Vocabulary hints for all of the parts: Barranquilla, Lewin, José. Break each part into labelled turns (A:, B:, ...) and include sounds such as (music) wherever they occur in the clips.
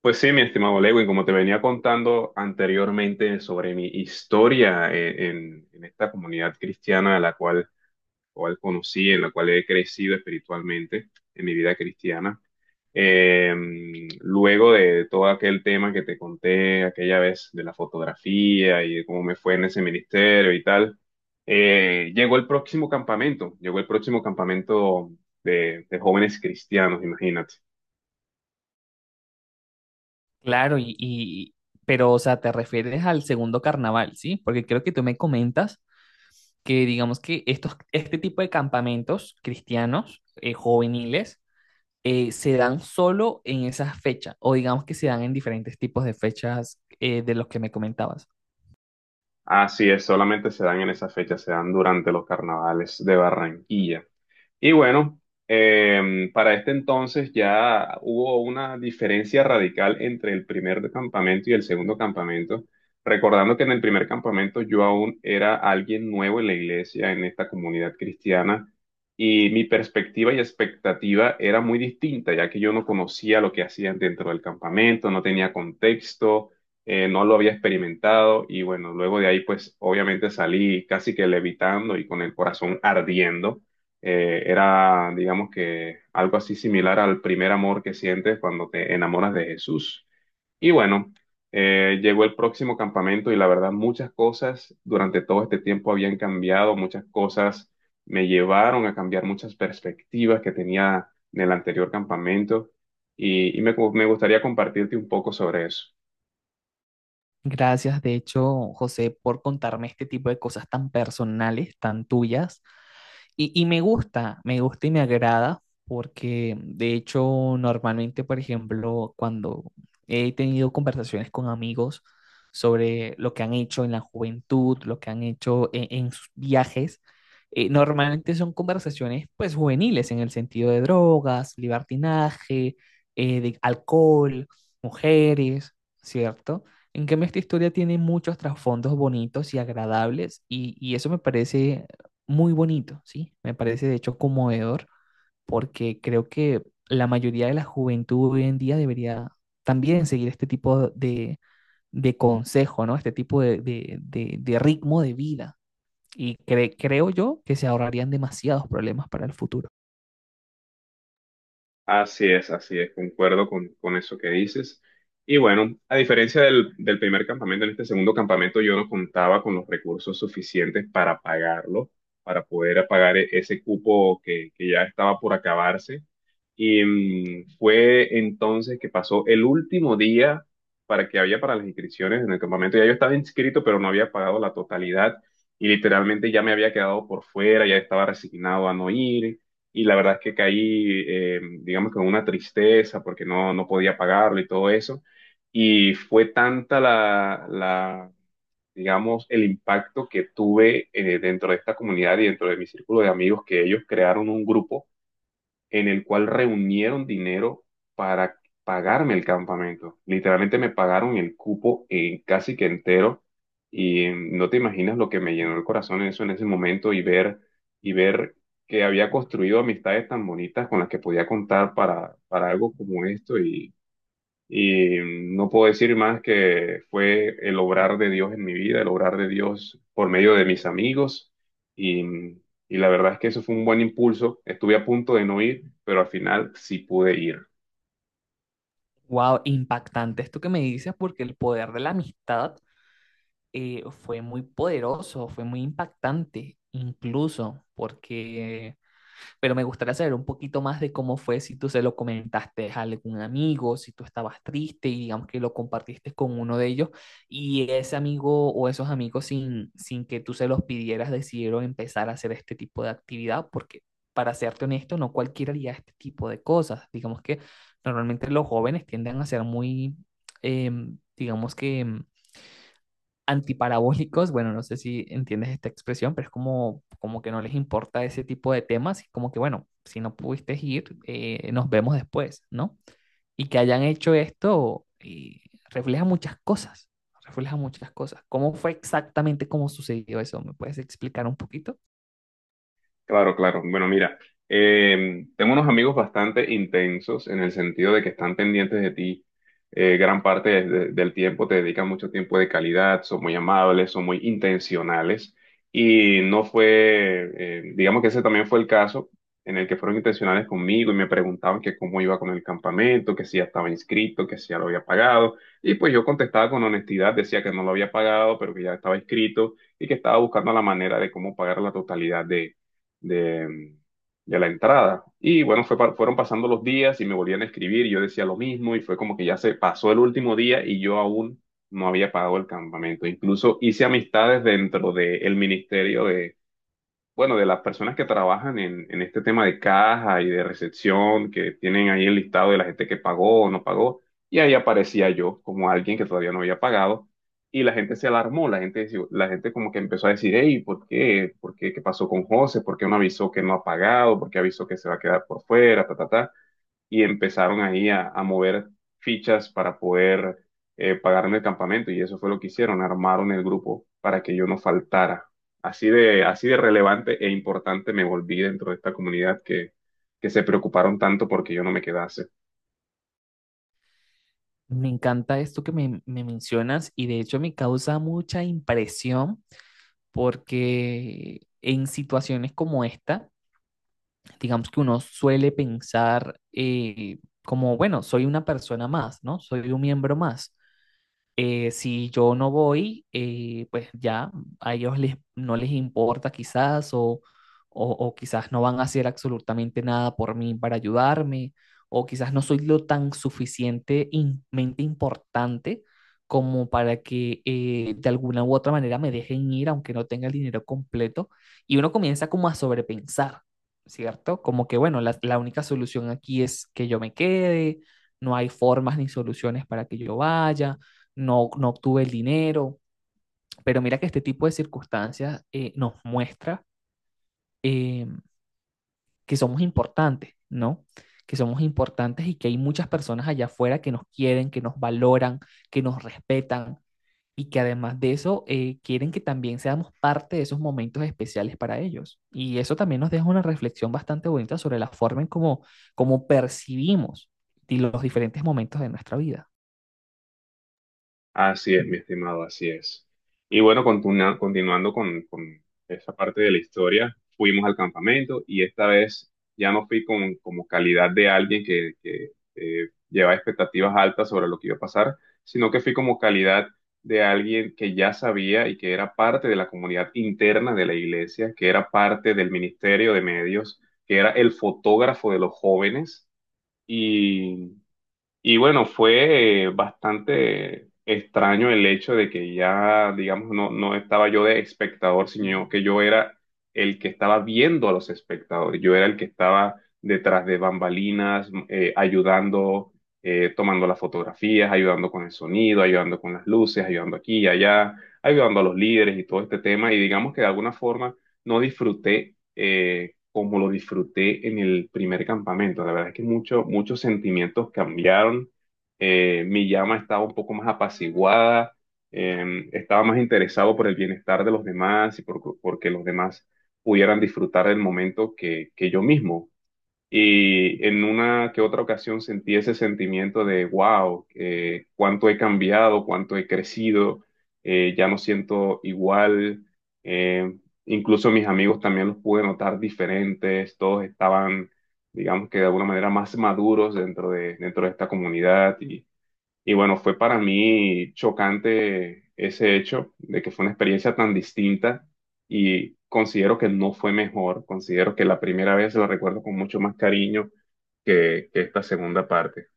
A: Pues sí, mi estimado Lewin, como te venía contando anteriormente sobre mi historia en esta comunidad cristiana a la cual conocí, en la cual he crecido espiritualmente en mi vida cristiana, eh, luego de todo aquel tema que te conté aquella vez de la fotografía y de cómo me fue en ese ministerio y tal, llegó el próximo campamento, llegó el próximo campamento de jóvenes cristianos, imagínate.
B: Claro, y- pero, o sea, te refieres al segundo carnaval, ¿sí? Porque creo que tú me comentas que, digamos que estos, este tipo de campamentos cristianos, juveniles, se dan solo en esas fechas, o digamos que se dan en diferentes tipos de fechas de los que me comentabas.
A: Así es, solamente se dan en esa fecha, se dan durante los carnavales de Barranquilla. Y bueno, para este entonces ya hubo una diferencia radical entre el primer campamento y el segundo campamento. Recordando que en el primer campamento yo aún era alguien nuevo en la iglesia, en esta comunidad cristiana, y mi perspectiva y expectativa era muy distinta, ya que yo no conocía lo que hacían dentro del campamento, no tenía contexto, no lo había experimentado, y bueno, luego de ahí pues obviamente salí casi que levitando y con el corazón ardiendo era, digamos que, algo así similar al primer amor que sientes cuando te enamoras de Jesús. Y bueno, llegó el próximo campamento y la verdad muchas cosas durante todo este tiempo habían cambiado, muchas cosas me llevaron a cambiar muchas perspectivas que tenía en el anterior campamento y me gustaría compartirte un poco sobre eso.
B: Gracias, de hecho, José, por contarme este tipo de cosas tan personales, tan tuyas. Y me gusta y me agrada porque de hecho normalmente, por ejemplo, cuando he tenido conversaciones con amigos sobre lo que han hecho en la juventud, lo que han hecho en sus viajes, normalmente son conversaciones pues juveniles en el sentido de drogas, libertinaje, de alcohol, mujeres, ¿cierto? En cambio, esta historia tiene muchos trasfondos bonitos y agradables y eso me parece muy bonito, ¿sí? Me parece de hecho conmovedor porque creo que la mayoría de la juventud hoy en día debería también seguir este tipo de consejo, ¿no? Este tipo de ritmo de vida. Y cre- creo yo que se ahorrarían demasiados problemas para el futuro.
A: Así es, concuerdo con eso que dices. Y bueno, a diferencia del primer campamento, en este segundo campamento yo no contaba con los recursos suficientes para pagarlo, para poder pagar ese cupo que ya estaba por acabarse. Y fue entonces que pasó el último día para que había para las inscripciones en el campamento. Ya yo estaba inscrito, pero no había pagado la totalidad y literalmente ya me había quedado por fuera, ya estaba resignado a no ir y la verdad es que caí, digamos, con una tristeza porque no, no podía pagarlo y todo eso. Y fue tanta la, la, digamos, el impacto que tuve dentro de esta comunidad y dentro de mi círculo de amigos que ellos crearon un grupo en el cual reunieron dinero para pagarme el campamento. Literalmente me pagaron el cupo casi que entero y no te imaginas lo que me llenó el corazón eso en ese momento y ver que había construido amistades tan bonitas con las que podía contar para algo como esto y no puedo decir más que fue el obrar de Dios en mi vida, el obrar de Dios por medio de mis amigos. Y, y la verdad es que eso fue un buen impulso. Estuve a punto de no ir, pero al final sí pude ir.
B: Wow, impactante esto que me dices porque el poder de la amistad fue muy poderoso, fue muy impactante, incluso porque pero me gustaría saber un poquito más de cómo fue, si tú se lo comentaste a algún amigo, si tú estabas triste y digamos que lo compartiste con uno de ellos y ese amigo o esos amigos sin, sin que tú se los pidieras decidieron empezar a hacer este tipo de actividad, porque para serte honesto, no cualquiera haría este tipo de cosas. Digamos que normalmente los jóvenes tienden a ser muy, eh, digamos que antiparabólicos, bueno, no sé si entiendes esta expresión, pero es como, como que no les importa ese tipo de temas y como que, bueno, si no pudiste ir, nos vemos después, ¿no? Y que hayan hecho esto refleja muchas cosas, refleja muchas cosas. ¿Cómo fue exactamente cómo sucedió eso? ¿Me puedes explicar un poquito?
A: Claro, claro. Bueno, mira, tengo unos amigos bastante intensos en el sentido de que están pendientes de ti gran parte del tiempo, te dedican mucho tiempo de calidad, son muy amables, son muy intencionales y no fue, digamos que ese también fue el caso en el que fueron intencionales conmigo y me preguntaban que cómo iba con el campamento, que si ya estaba inscrito, que si ya lo había pagado y pues yo contestaba con honestidad, decía que no lo había pagado, pero que ya estaba inscrito y que estaba buscando la manera de cómo pagar la totalidad de, de la entrada. Y bueno, fue, fueron pasando los días y me volvían a escribir y yo decía lo mismo y fue como que ya se pasó el último día y yo aún no había pagado el campamento. Incluso hice amistades dentro del ministerio de, bueno, de las personas que trabajan en este tema de caja y de recepción, que tienen ahí el listado de la gente que pagó o no pagó, y ahí aparecía yo como alguien que todavía no había pagado, y la gente se alarmó, la gente, la gente como que empezó a decir, hey, ¿por qué? ¿Por qué? ¿Qué pasó con José? ¿Por qué no avisó que no ha pagado? ¿Por qué avisó que se va a quedar por fuera? Ta, ta, ta y empezaron ahí a mover fichas para poder pagarme el campamento y eso fue lo que hicieron, armaron el grupo para que yo no faltara. Así de relevante e importante me volví dentro de esta comunidad que se preocuparon tanto porque yo no me quedase.
B: Me encanta esto que me mencionas y de hecho me causa mucha impresión porque en situaciones como esta, digamos que uno suele pensar como, bueno, soy una persona más, ¿no? Soy un miembro más. Si yo no voy, pues ya a ellos les, no les importa quizás o quizás no van a hacer absolutamente nada por mí para ayudarme o quizás no soy lo tan suficientemente importante como para que de alguna u otra manera me dejen ir aunque no tenga el dinero completo y uno comienza como a sobrepensar, ¿cierto? Como que bueno, la única solución aquí es que yo me quede, no hay formas ni soluciones para que yo vaya no, no obtuve el dinero, pero mira que este tipo de circunstancias nos muestra eh, que somos importantes, ¿no? Que somos importantes y que hay muchas personas allá afuera que nos quieren, que nos valoran, que nos respetan y que además de eso quieren que también seamos parte de esos momentos especiales para ellos. Y eso también nos deja una reflexión bastante bonita sobre la forma en cómo, cómo percibimos los diferentes momentos de nuestra vida.
A: Así es, mi estimado, así es. Y bueno, continuando con esa parte de la historia, fuimos al campamento y esta vez ya no fui con, como calidad de alguien que llevaba expectativas altas sobre lo que iba a pasar, sino que fui como calidad de alguien que ya sabía y que era parte de la comunidad interna de la iglesia, que era parte del ministerio de medios, que era el fotógrafo de los jóvenes y bueno, fue bastante extraño el hecho de que ya, digamos, no, no estaba yo de espectador, sino que yo era el que estaba viendo a los espectadores. Yo era el que estaba detrás de bambalinas, ayudando, tomando las fotografías, ayudando con el sonido, ayudando con las luces, ayudando aquí y allá, ayudando a los líderes y todo este tema. Y digamos que de alguna forma no disfruté, como lo disfruté en el primer campamento. La verdad es que muchos sentimientos cambiaron. Mi llama estaba un poco más apaciguada, estaba más interesado por el bienestar de los demás y por, porque los demás pudieran disfrutar del momento que yo mismo. Y en una que otra ocasión sentí ese sentimiento de, wow, cuánto he cambiado, cuánto he crecido, ya no siento igual. eh, Incluso mis amigos también los pude notar diferentes, todos estaban, digamos que de alguna manera, más maduros dentro de esta comunidad. Y y bueno, fue para mí chocante ese hecho de que fue una experiencia tan distinta y considero que no fue mejor, considero que la primera vez la recuerdo con mucho más cariño que esta segunda parte.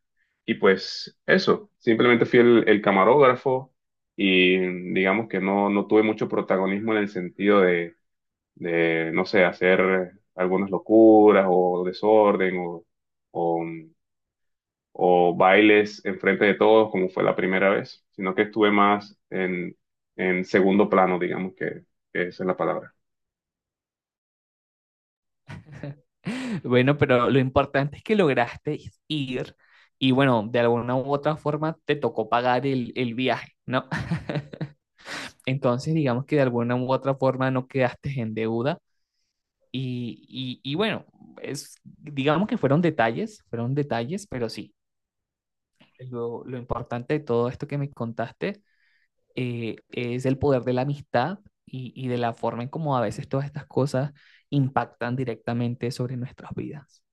A: Y pues eso, simplemente fui el camarógrafo y digamos que no, no tuve mucho protagonismo en el sentido de, no sé, hacer algunas locuras o desorden o o bailes enfrente de todos, como fue la primera vez, sino que estuve más en segundo plano, digamos que esa es la palabra.
B: Bueno, pero lo importante es que lograste ir y bueno, de alguna u otra forma te tocó pagar el viaje, ¿no? (laughs) Entonces, digamos que de alguna u otra forma no quedaste en deuda y, y bueno, es, digamos que fueron detalles, pero sí, lo importante de todo esto que me contaste es el poder de la amistad y de la forma en cómo a veces todas estas cosas impactan directamente sobre nuestras vidas.